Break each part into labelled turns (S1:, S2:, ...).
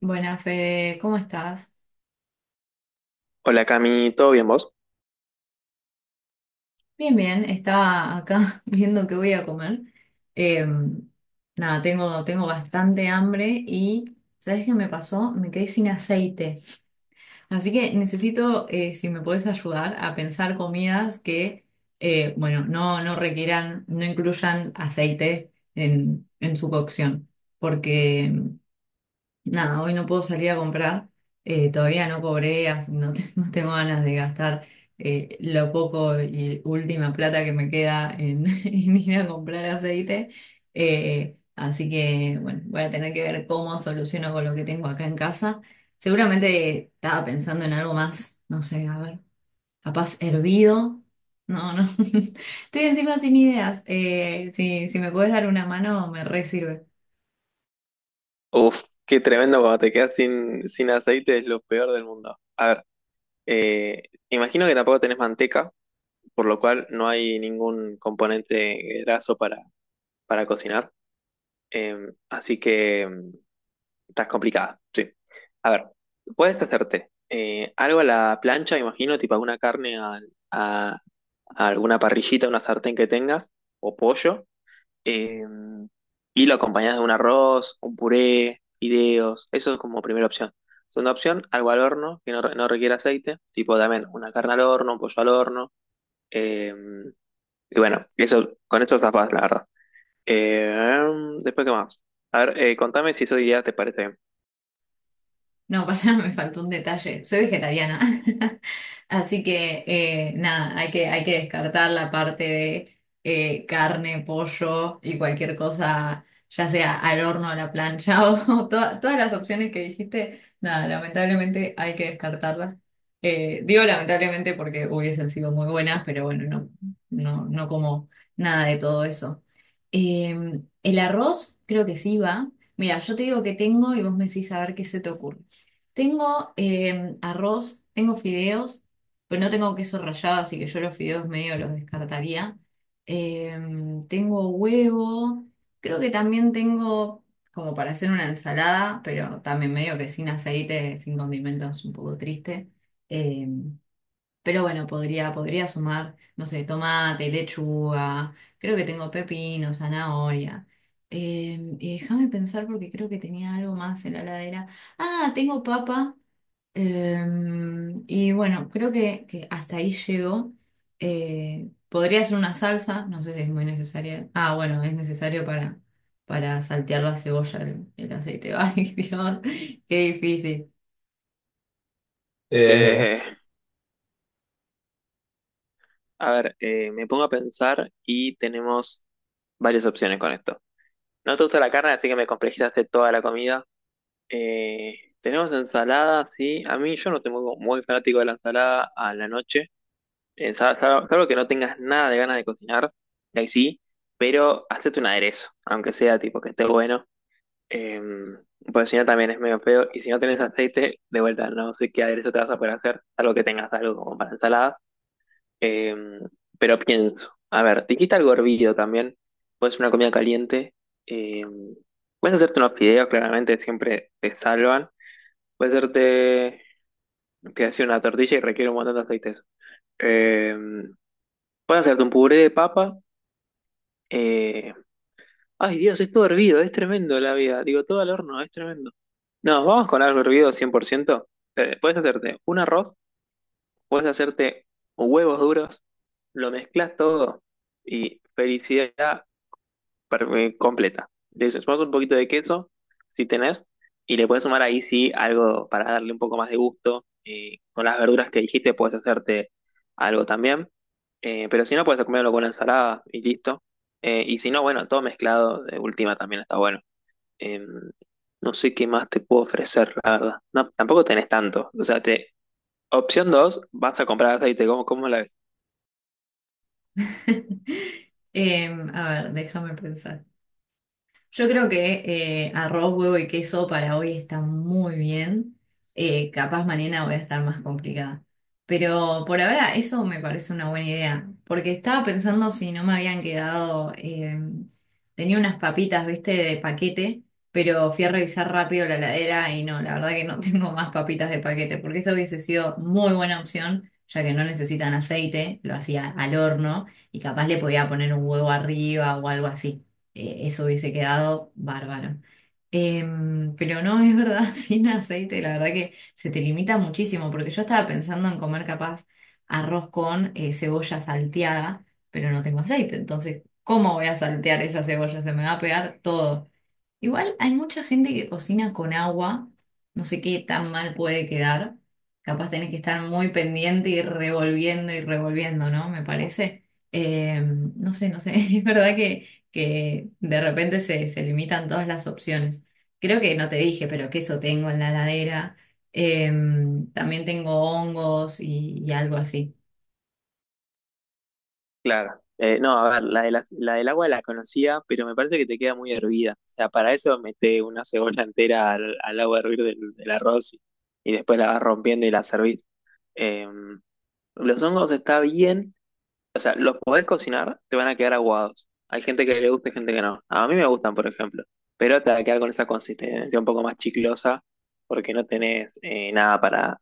S1: Buenas, Fede, ¿cómo estás?
S2: Hola Cami, ¿todo bien vos?
S1: Bien, bien, estaba acá viendo qué voy a comer. Eh, nada, tengo bastante hambre y ¿sabes qué me pasó? Me quedé sin aceite. Así que necesito, si me podés ayudar, a pensar comidas que, eh, bueno, no, no requieran, no incluyan aceite en su cocción. Porque nada, hoy no puedo salir a comprar, todavía no cobré, así no, no tengo ganas de gastar, lo poco y última plata que me queda en ir a comprar aceite. Así que bueno, voy a tener que ver cómo soluciono con lo que tengo acá en casa. Seguramente estaba pensando en algo más, no sé, a ver, capaz hervido. No, no, estoy encima sin ideas. Si me puedes dar una mano, me re sirve.
S2: Uf, qué tremendo cuando te quedas sin aceite, es lo peor del mundo. A ver, eh, imagino que tampoco tenés manteca, por lo cual no hay ningún componente graso para cocinar, así que estás complicada, sí. A ver, puedes hacerte algo a la plancha, imagino, tipo alguna carne a alguna parrillita, una sartén que tengas, o pollo, eh, y lo acompañás de un arroz, un puré, fideos. Eso es como primera opción. Segunda opción, algo al horno que no, no requiere aceite, tipo también una carne al horno, un pollo al horno. eh, y bueno, eso, con esto tapas, la verdad. Eh, Después, ¿qué más? A ver, contame si esa idea te parece bien.
S1: No, para, me faltó un detalle. Soy vegetariana. Así que nada, hay que descartar la parte de carne, pollo y cualquier cosa, ya sea al horno, a la plancha o todas las opciones que dijiste. Nada, lamentablemente hay que descartarlas. Digo lamentablemente porque hubiesen sido muy buenas, pero bueno, no como nada de todo eso. Eh, el arroz creo que sí va. Mira, yo te digo que tengo y vos me decís a ver qué se te ocurre. Tengo arroz, tengo fideos, pero no tengo queso rallado, así que yo los fideos medio los descartaría. Eh, tengo huevo, creo que también tengo como para hacer una ensalada, pero también medio que sin aceite, sin condimentos, un poco triste. Eh, pero bueno, podría sumar, no sé, tomate, lechuga, creo que tengo pepino, zanahoria. Y déjame pensar porque creo que tenía algo más en la heladera. Ah, tengo papa. Y bueno, creo que hasta ahí llegó. Podría ser una salsa, no sé si es muy necesaria. Ah, bueno, es necesario para saltear la cebolla, el aceite. Ay, Dios, qué difícil. Eh,
S2: Eh, a ver, me pongo a pensar y tenemos varias opciones con esto. No te gusta la carne, así que me complejizaste toda la comida. Tenemos ensalada, sí. A mí yo no soy muy fanático de la ensalada a la noche. Salvo que no tengas nada de ganas de cocinar, ahí sí. Pero hacete un aderezo, aunque sea tipo que esté bueno. Eh, Porque si no también es medio feo. Y si no tenés aceite, de vuelta, no sé qué aderezo te vas a poder hacer, salvo que tengas algo como para ensalada. Eh, pero pienso, a ver, te quita algo hervido también. Puedes hacer una comida caliente. Eh, Puedes hacerte unos fideos, claramente siempre te salvan. Puede hacerte que hace una tortilla y requiere un montón de aceites. Eh, Puedes hacerte un puré de papa. eh, Ay, Dios, es todo hervido, es tremendo la vida. Digo, todo al horno, es tremendo. No, vamos con algo hervido 100%. Puedes hacerte un arroz, puedes hacerte huevos duros, lo mezclas todo y felicidad, completa. Le sumás un poquito de queso, si tenés, y le puedes sumar ahí sí algo para darle un poco más de gusto. Con las verduras que dijiste puedes hacerte algo también. Pero si no, puedes comerlo con una ensalada y listo. Y si no, bueno, todo mezclado de última también está bueno. Em, no sé qué más te puedo ofrecer, la verdad. No, tampoco tenés tanto. O sea, te, opción 2 vas a comprar aceite. Cómo la ves?
S1: A ver, déjame pensar. Yo creo que arroz, huevo y queso para hoy está muy bien. Capaz mañana voy a estar más complicada. Pero por ahora eso me parece una buena idea. Porque estaba pensando si no me habían quedado, tenía unas papitas, viste, de paquete, pero fui a revisar rápido la heladera y no, la verdad que no tengo más papitas de paquete. Porque eso hubiese sido muy buena opción, ya que no necesitan aceite, lo hacía al horno y capaz le podía poner un huevo arriba o algo así, eso hubiese quedado bárbaro. Pero no, es verdad, sin aceite, la verdad que se te limita muchísimo, porque yo estaba pensando en comer capaz arroz con cebolla salteada, pero no tengo aceite, entonces, ¿cómo voy a saltear esa cebolla? Se me va a pegar todo. Igual hay mucha gente que cocina con agua, no sé qué tan mal puede quedar, capaz tenés que estar muy pendiente y revolviendo, ¿no? Me parece. No sé, no sé, es verdad que de repente se limitan todas las opciones. Creo que no te dije, pero queso tengo en la heladera. También tengo hongos y algo así.
S2: Claro. No, a ver, la del agua la conocía, pero me parece que te queda muy hervida. O sea, para eso mete una cebolla entera al agua a hervir del arroz y después la vas rompiendo y la servís. Eh, los hongos está bien, o sea, los podés cocinar, te van a quedar aguados. Hay gente que le gusta y gente que no. A mí me gustan, por ejemplo, pero te va a quedar con esa consistencia un poco más chiclosa porque no tenés nada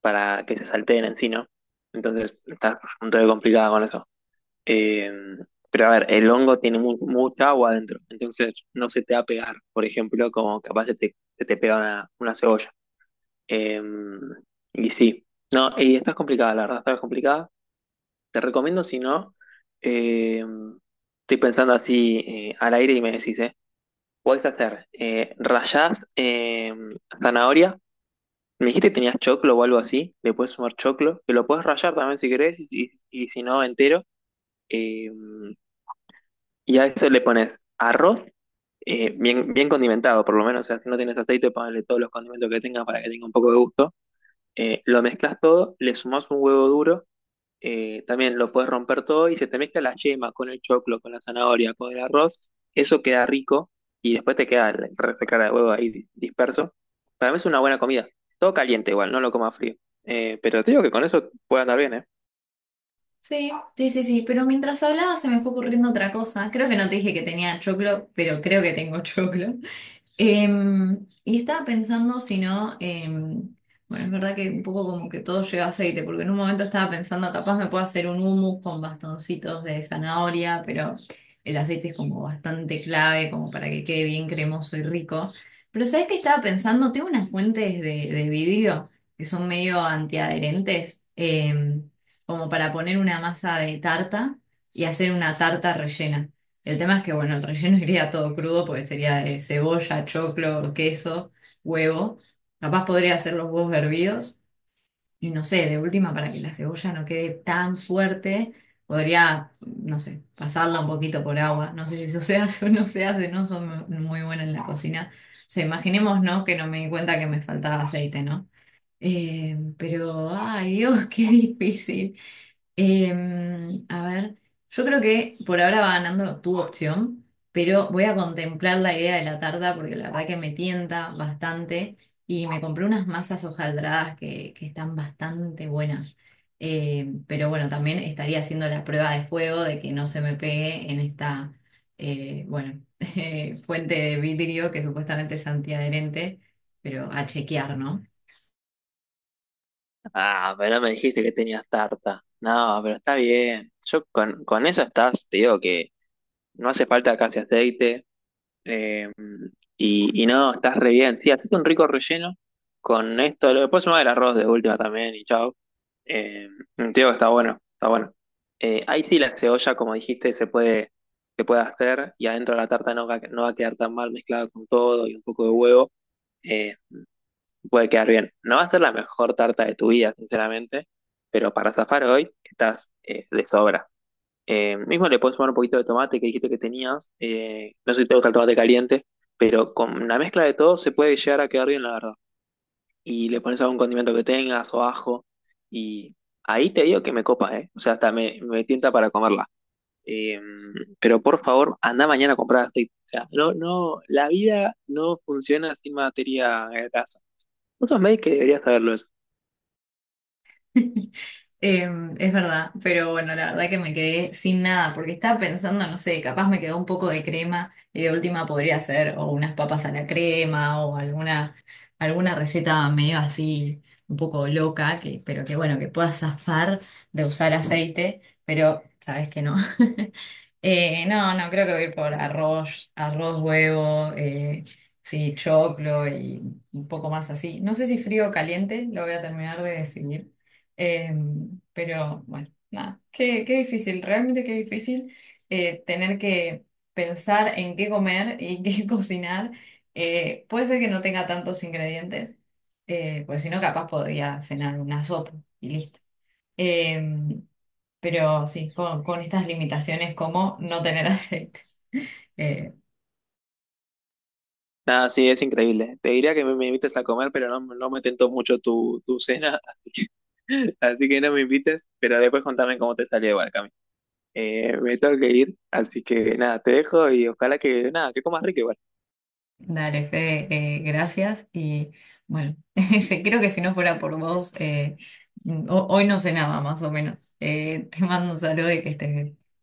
S2: para que se salteen en sí, ¿no? Entonces, está un poco complicada con eso. Eh, pero a ver, el hongo tiene mucha agua adentro, entonces no se te va a pegar, por ejemplo, como capaz se te pega una cebolla. Eh, y sí, no, y está complicada, la verdad, está complicada. Te recomiendo, si no, eh, estoy pensando así al aire y me decís, ¿eh? Podés hacer rallás zanahoria. Me dijiste que tenías choclo o algo así, le puedes sumar choclo, que lo puedes rallar también si querés, y si no, entero. Em, Y a eso le pones arroz, bien condimentado, por lo menos. O sea, si no tienes aceite, ponle todos los condimentos que tengas para que tenga un poco de gusto. Lo mezclas todo, le sumás un huevo duro, también lo puedes romper todo y se te mezcla la yema con el choclo, con la zanahoria, con el arroz. Eso queda rico y después te queda el resto de clara de huevo ahí disperso. Para mí es una buena comida. Todo caliente igual, no lo coma frío. Pero te digo que con eso puede andar bien, ¿eh?
S1: Sí, sí, sí, sí, pero mientras hablaba se me fue ocurriendo otra cosa. Creo que no te dije que tenía choclo, pero creo que tengo choclo. Y estaba pensando si no, bueno, es verdad que un poco como que todo lleva aceite, porque en un momento estaba pensando, capaz me puedo hacer un hummus con bastoncitos de zanahoria, pero el aceite es como bastante clave, como para que quede bien cremoso y rico. Pero ¿sabes qué estaba pensando? Tengo unas fuentes de vidrio que son medio antiadherentes, como para poner una masa de tarta y hacer una tarta rellena. El tema es que bueno, el relleno iría todo crudo porque sería de cebolla, choclo, queso, huevo. Capaz podría hacer los huevos hervidos y no sé, de última para que la cebolla no quede tan fuerte, podría, no sé, pasarla un poquito por agua. No sé si eso se hace o no se hace, no soy muy buena en la cocina. O sea, imaginemos, ¿no? Que no me di cuenta que me faltaba aceite, ¿no? Pero, ay Dios, qué difícil. A ver, yo creo que por ahora va ganando tu opción, pero voy a contemplar la idea de la tarta porque la verdad que me tienta bastante y me compré unas masas hojaldradas que están bastante buenas. Pero bueno, también estaría haciendo la prueba de fuego de que no se me pegue en esta, bueno, fuente de vidrio que supuestamente es antiadherente, pero a chequear, ¿no?
S2: Ah, pero no me dijiste que tenías tarta. No, pero está bien. Yo con esa estás, te digo que no hace falta casi aceite. eh, y, y no, estás re bien. Sí, hacete un rico relleno con esto. Después sumá el arroz de última también y chao. Eh, Te digo que está bueno, está bueno. Ahí sí la cebolla, como dijiste, se puede hacer y adentro de la tarta no va, no va a quedar tan mal mezclada con todo y un poco de huevo. Eh, Puede quedar bien. No va a ser la mejor tarta de tu vida, sinceramente, pero para zafar hoy estás de sobra. Mismo le puedes sumar un poquito de tomate que dijiste que tenías. No sé si te gusta el tomate caliente, pero con la mezcla de todo se puede llegar a quedar bien, la verdad. Y le pones algún condimento que tengas o ajo. Y ahí te digo que me copa, ¿eh? O sea, me tienta para comerla. Eh, pero por favor, anda mañana a comprar aceite. O sea, no, no, la vida no funciona sin materia grasa. Vos sos médico que deberías saberlo eso.
S1: Es verdad, pero bueno, la verdad que me quedé sin nada, porque estaba pensando, no sé, capaz me quedó un poco de crema y de última podría hacer o unas papas a la crema o alguna receta medio así, un poco loca, que, pero que bueno, que pueda zafar de usar aceite, pero sabes que no. No, no, creo que voy a ir por arroz, arroz, huevo, sí, choclo y un poco más así. No sé si frío o caliente, lo voy a terminar de decidir. Eh, pero bueno, nada, qué, qué difícil, realmente qué difícil tener que pensar en qué comer y qué cocinar. Puede ser que no tenga tantos ingredientes, porque si no, capaz podría cenar una sopa y listo. Em, pero sí, con estas limitaciones como no tener aceite. Eh,
S2: Nada, sí, es increíble. Te diría que me invites a comer, pero no, no me tentó mucho tu cena, así así que no me invites, pero después contame cómo te salió igual, Cami. Me tengo que ir, así que nada, te dejo y ojalá que, nada, que comas rico igual.
S1: dale, Fede, gracias. Y bueno, sí, creo que si no fuera por vos, hoy no cenaba más o menos. Te mando un saludo y que estés bien.